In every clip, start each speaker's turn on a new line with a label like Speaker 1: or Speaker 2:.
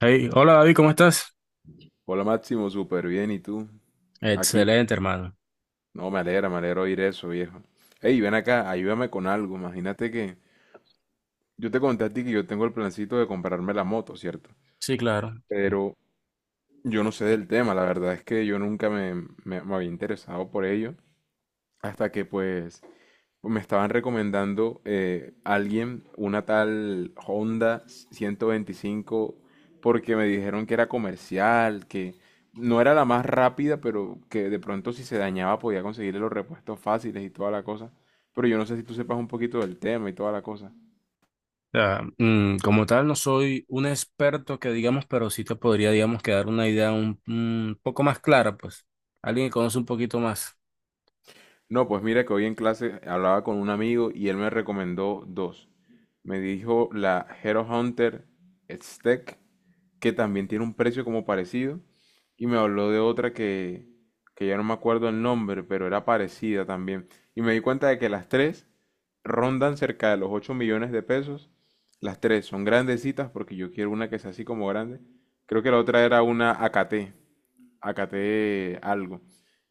Speaker 1: Hey, hola David, ¿cómo estás?
Speaker 2: Hola Máximo, súper bien. ¿Y tú? Aquí.
Speaker 1: Excelente, hermano.
Speaker 2: No, me alegra oír eso, viejo. Ey, ven acá, ayúdame con algo. Imagínate que yo te conté a ti que yo tengo el plancito de comprarme la moto, ¿cierto?
Speaker 1: Sí, claro.
Speaker 2: Pero yo no sé del tema, la verdad es que yo nunca me había interesado por ello. Hasta que pues me estaban recomendando alguien, una tal Honda 125, porque me dijeron que era comercial, que no era la más rápida, pero que de pronto si se dañaba podía conseguirle los repuestos fáciles y toda la cosa. Pero yo no sé si tú sepas un poquito del tema y toda la cosa.
Speaker 1: O sea, como tal, no soy un experto que digamos, pero sí te podría, digamos, quedar una idea un poco más clara, pues. Alguien que conoce un poquito más.
Speaker 2: No, pues mira que hoy en clase hablaba con un amigo y él me recomendó dos. Me dijo la Hero Hunter Stack, que también tiene un precio como parecido, y me habló de otra que ya no me acuerdo el nombre, pero era parecida también. Y me di cuenta de que las tres rondan cerca de los 8 millones de pesos. Las tres son grandecitas porque yo quiero una que sea así como grande. Creo que la otra era una AKT acaté algo.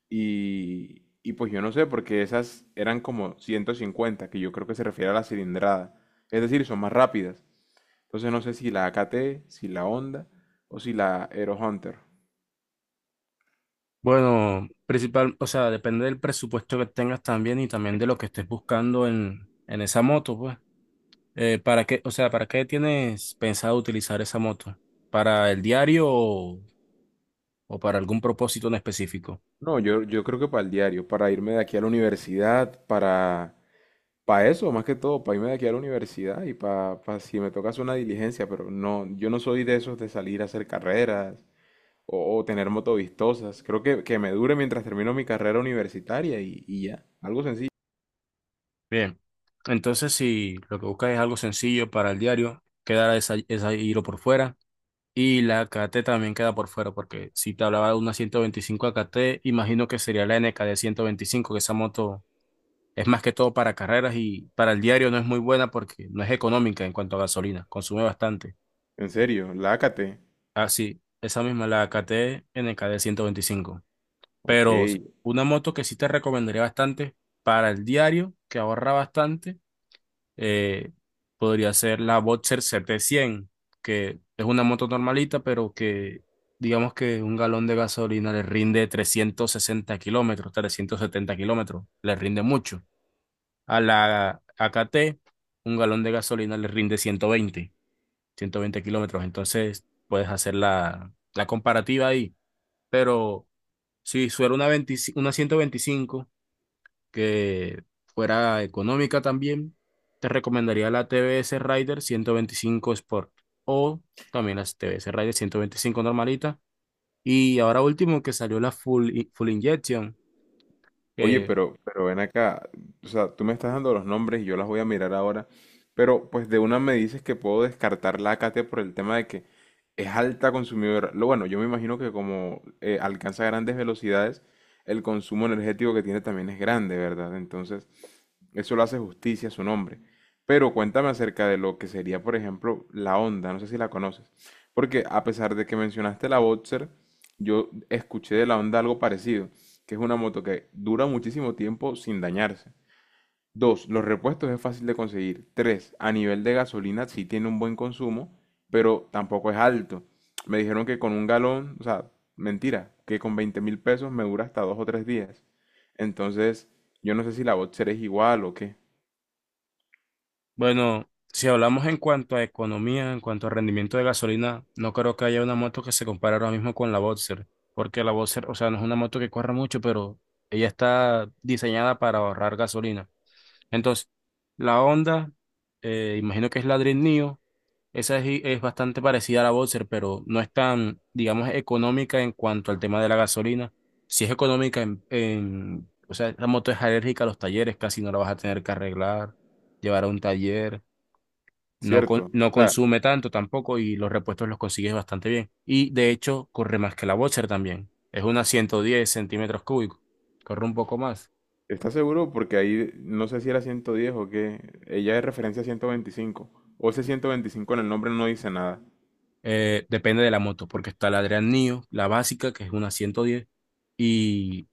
Speaker 2: Y pues yo no sé, porque esas eran como 150, que yo creo que se refiere a la cilindrada. Es decir, son más rápidas. Entonces no sé si la AKT, si la Honda o si la Aero Hunter.
Speaker 1: Bueno, principal, o sea, depende del presupuesto que tengas también y también de lo que estés buscando en esa moto, pues. ¿Para qué, o sea, para qué tienes pensado utilizar esa moto? ¿Para el diario o para algún propósito en específico?
Speaker 2: No, yo creo que para el diario, para irme de aquí a la universidad, para eso, más que todo, para irme de aquí a la universidad y para si me toca hacer una diligencia, pero no, yo no soy de esos de salir a hacer carreras o tener motovistosas. Creo que me dure mientras termino mi carrera universitaria y ya, algo sencillo.
Speaker 1: Bien, entonces si lo que buscas es algo sencillo para el diario, quedará esa hilo por fuera y la K T también queda por fuera, porque si te hablaba de una 125 A K T imagino que sería la N K de 125, que esa moto es más que todo para carreras y para el diario no es muy buena porque no es económica en cuanto a gasolina, consume bastante.
Speaker 2: En serio, lácate.
Speaker 1: Así, esa misma, la K T N K de 125.
Speaker 2: Ok.
Speaker 1: Pero una moto que sí te recomendaría bastante para el diario, que ahorra bastante, eh, podría ser la Boxer CT100, que es una moto normalita, pero que digamos que un galón de gasolina le rinde 360 kilómetros, 370 kilómetros, le rinde mucho. A la A K t un galón de gasolina le rinde 120 kilómetros, entonces puedes hacer la comparativa ahí. Pero si suena una 125 que fuera económica también, te recomendaría la TBS Rider 125 Sport o también las TBS Rider 125 normalita. Y ahora último que salió la full Injection,
Speaker 2: Oye,
Speaker 1: que
Speaker 2: pero ven acá. O sea, tú me estás dando los nombres y yo las voy a mirar ahora. Pero pues de una me dices que puedo descartar lácate por el tema de que es alta consumidora. Lo bueno, yo me imagino que como alcanza grandes velocidades, el consumo energético que tiene también es grande, ¿verdad? Entonces, eso le hace justicia a su nombre. Pero cuéntame acerca de lo que sería, por ejemplo, la Honda. No sé si la conoces. Porque a pesar de que mencionaste la Boxer, yo escuché de la Honda algo parecido, que es una moto que dura muchísimo tiempo sin dañarse. Dos, los repuestos es fácil de conseguir. Tres, a nivel de gasolina sí tiene un buen consumo, pero tampoco es alto. Me dijeron que con un galón, o sea, mentira, que con 20.000 pesos me dura hasta dos o tres días. Entonces, yo no sé si la Boxer es igual o qué.
Speaker 1: bueno, si hablamos en cuanto a economía, en cuanto a rendimiento de gasolina, no creo que haya una moto que se compare ahora mismo con la Boxer, porque la Boxer, o sea, no es una moto que corra mucho, pero ella está diseñada para ahorrar gasolina. Entonces, la Honda, imagino que es la Dream Neo. Esa es bastante parecida a la Boxer, pero no es tan, digamos, económica en cuanto al tema de la gasolina. Si es económica o sea, la moto es alérgica a los talleres, casi no la vas a tener que arreglar, llevar a un taller, no,
Speaker 2: Cierto.
Speaker 1: no
Speaker 2: O sea,
Speaker 1: consume tanto tampoco y los repuestos los consigues bastante bien. Y de hecho, corre más que la Boxer también. Es una 110 centímetros cúbicos, corre un poco más.
Speaker 2: ¿estás seguro? Porque ahí no sé si era 110 o qué. Ella es referencia a 125. O ese 125 en el nombre no dice nada.
Speaker 1: Depende de la moto, porque está la Adrian Neo, la básica, que es una 110, y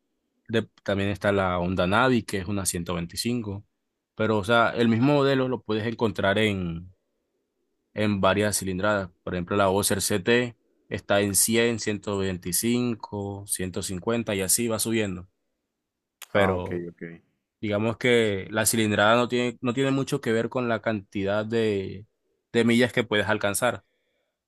Speaker 1: también está la Honda Navi, que es una 125. Pero, o sea, el mismo modelo lo puedes encontrar en varias cilindradas. Por ejemplo, la Boxer CT está en 100, 125, 150 y así va subiendo.
Speaker 2: Ah, ok,
Speaker 1: Pero
Speaker 2: ok.
Speaker 1: digamos que la cilindrada no tiene mucho que ver con la cantidad de millas que puedes alcanzar,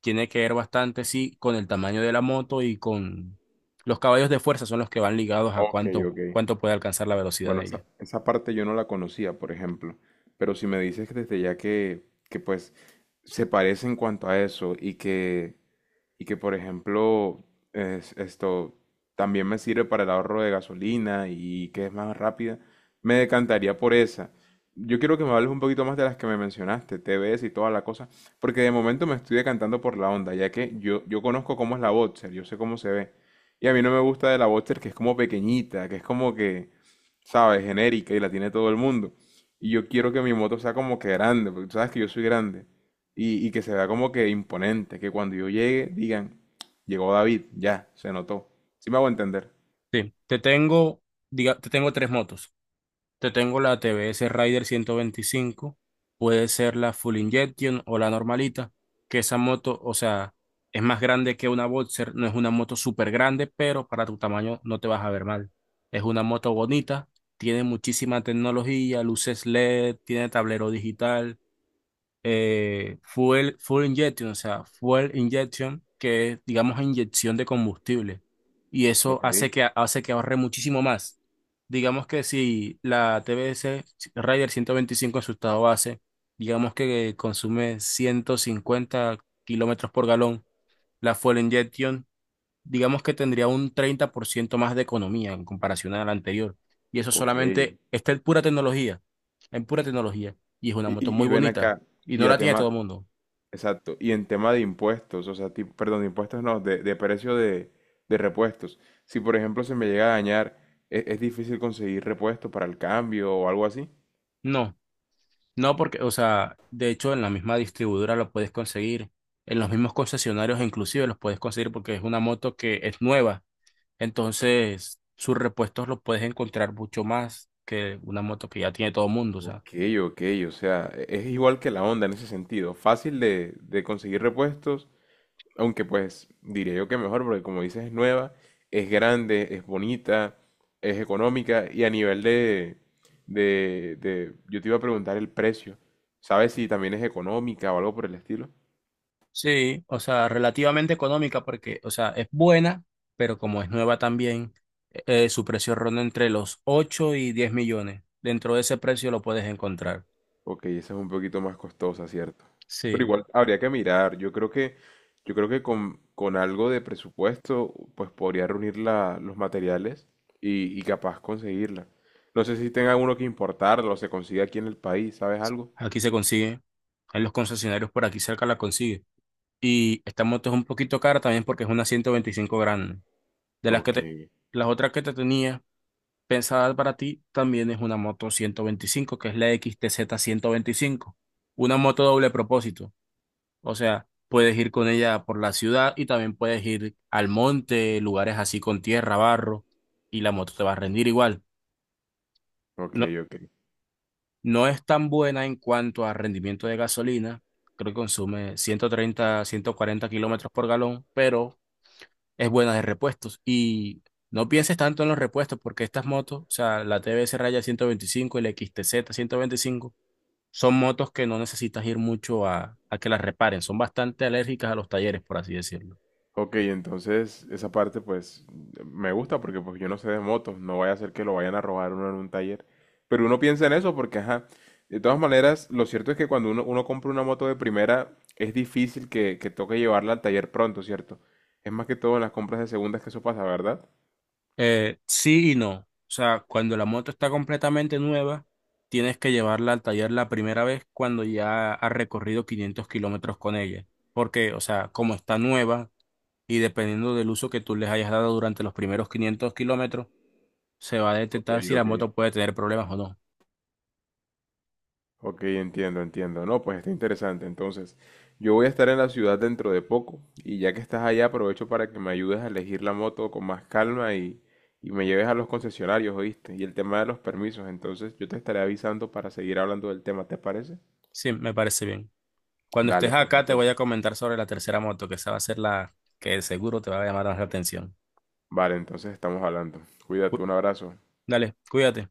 Speaker 1: tiene que ver bastante, sí, con el tamaño de la moto, y con los caballos de fuerza son los que van ligados a
Speaker 2: Ok,
Speaker 1: cuánto,
Speaker 2: ok.
Speaker 1: cuánto puede alcanzar la velocidad
Speaker 2: Bueno,
Speaker 1: de
Speaker 2: esa,
Speaker 1: ella.
Speaker 2: esa parte yo no la conocía, por ejemplo. Pero si me dices que desde ya que, pues se parece en cuanto a eso y que, por ejemplo, esto también me sirve para el ahorro de gasolina y que es más rápida, me decantaría por esa. Yo quiero que me hables un poquito más de las que me mencionaste, T TVS y toda la cosa, porque de momento me estoy decantando por la Honda, ya que yo conozco cómo es la Boxer, yo sé cómo se ve. Y a mí no me gusta de la Boxer que es como pequeñita, que es como que, ¿sabes? Genérica y la tiene todo el mundo. Y yo quiero que mi moto sea como que grande, porque tú sabes que yo soy grande y que se vea como que imponente, que cuando yo llegue digan, llegó David, ya, se notó. ¿Sí me hago entender?
Speaker 1: Sí, te tengo tres motos. Te tengo la TBS Rider 125, puede ser la Full Injection o la normalita, que esa moto, o sea, es más grande que una Boxer, no es una moto súper grande, pero para tu tamaño no te vas a ver mal. Es una moto bonita, tiene muchísima tecnología, luces LED, tiene tablero digital. Fuel injection, o sea, fuel injection, que es, digamos, inyección de combustible. Y eso
Speaker 2: Ok,
Speaker 1: hace que ahorre muchísimo más. Digamos que si la TBS 125 en su estado base, digamos que consume 150 kilómetros por galón, la fuel injection digamos que tendría un 30% más de economía en comparación a la anterior. Y eso
Speaker 2: ok.
Speaker 1: solamente
Speaker 2: Y,
Speaker 1: está en pura tecnología, en pura tecnología. Y es una moto
Speaker 2: y-
Speaker 1: muy
Speaker 2: y ven
Speaker 1: bonita,
Speaker 2: acá,
Speaker 1: y
Speaker 2: y
Speaker 1: no
Speaker 2: a
Speaker 1: la tiene todo el
Speaker 2: tema,
Speaker 1: mundo.
Speaker 2: exacto, y en tema de impuestos, o sea, tipo, perdón, de impuestos no, de precio de repuestos. Si por ejemplo se me llega a dañar, ¿es difícil conseguir repuestos para el cambio o algo así?
Speaker 1: No, no porque, o sea, de hecho en la misma distribuidora lo puedes conseguir, en los mismos concesionarios inclusive los puedes conseguir porque es una moto que es nueva. Entonces, sus repuestos los puedes encontrar mucho más que una moto que ya tiene todo el mundo, o sea.
Speaker 2: Ok, ok, o sea, es igual que la onda en ese sentido, fácil de conseguir repuestos. Aunque pues diría yo que mejor, porque como dices, es nueva, es grande, es bonita, es económica y a nivel yo te iba a preguntar el precio. ¿Sabes si también es económica o algo por el estilo?
Speaker 1: Sí, o sea, relativamente económica porque, o sea, es buena, pero como es nueva también, su precio ronda entre los 8 y 10 millones. Dentro de ese precio lo puedes encontrar.
Speaker 2: Ok, esa es un poquito más costosa, ¿cierto? Pero
Speaker 1: Sí,
Speaker 2: igual habría que mirar. Yo creo que con, algo de presupuesto, pues podría reunir los materiales y capaz conseguirla. No sé si tenga uno que importarlo o se consigue aquí en el país, ¿sabes algo?
Speaker 1: aquí se consigue. En los concesionarios por aquí cerca la consigue. Y esta moto es un poquito cara también porque es una 125 grande. De las que
Speaker 2: Ok,
Speaker 1: te, Las otras que te tenía pensadas para ti, también es una moto 125, que es la XTZ 125. Una moto doble propósito. O sea, puedes ir con ella por la ciudad y también puedes ir al monte, lugares así con tierra, barro, y la moto te va a rendir igual.
Speaker 2: ok,
Speaker 1: No,
Speaker 2: ok.
Speaker 1: no es tan buena en cuanto a rendimiento de gasolina, creo que consume 130, 140 kilómetros por galón, pero es buena de repuestos. Y no pienses tanto en los repuestos porque estas motos, o sea, la TBS Raya 125, y la X T Z 125, son motos que no necesitas ir mucho a que las reparen, son bastante alérgicas a los talleres, por así decirlo.
Speaker 2: Ok, entonces esa parte pues me gusta porque pues yo no sé de motos, no vaya a ser que lo vayan a robar uno en un taller. Pero uno piensa en eso porque, ajá, de todas maneras, lo cierto es que cuando uno compra una moto de primera es difícil que toque llevarla al taller pronto, ¿cierto? Es más que todo en las compras de segundas que eso pasa, ¿verdad?
Speaker 1: Sí y no. O sea, cuando la moto está completamente nueva, tienes que llevarla al taller la primera vez cuando ya has recorrido 500 kilómetros con ella. Porque, o sea, como está nueva y dependiendo del uso que tú les hayas dado durante los primeros 500 kilómetros, se va a
Speaker 2: Ok,
Speaker 1: detectar si la
Speaker 2: ok.
Speaker 1: moto puede tener problemas o no.
Speaker 2: Ok, entiendo, entiendo. No, pues está interesante. Entonces, yo voy a estar en la ciudad dentro de poco y ya que estás allá aprovecho para que me ayudes a elegir la moto con más calma y me lleves a los concesionarios, ¿oíste? Y el tema de los permisos. Entonces, yo te estaré avisando para seguir hablando del tema, ¿te parece?
Speaker 1: Sí, me parece bien. Cuando estés
Speaker 2: Dale, pues,
Speaker 1: acá, te voy
Speaker 2: entonces.
Speaker 1: a comentar sobre la tercera moto, que esa va a ser la que seguro te va a llamar más la atención.
Speaker 2: Vale, entonces estamos hablando. Cuídate,
Speaker 1: Cu-
Speaker 2: un abrazo.
Speaker 1: Dale, cuídate.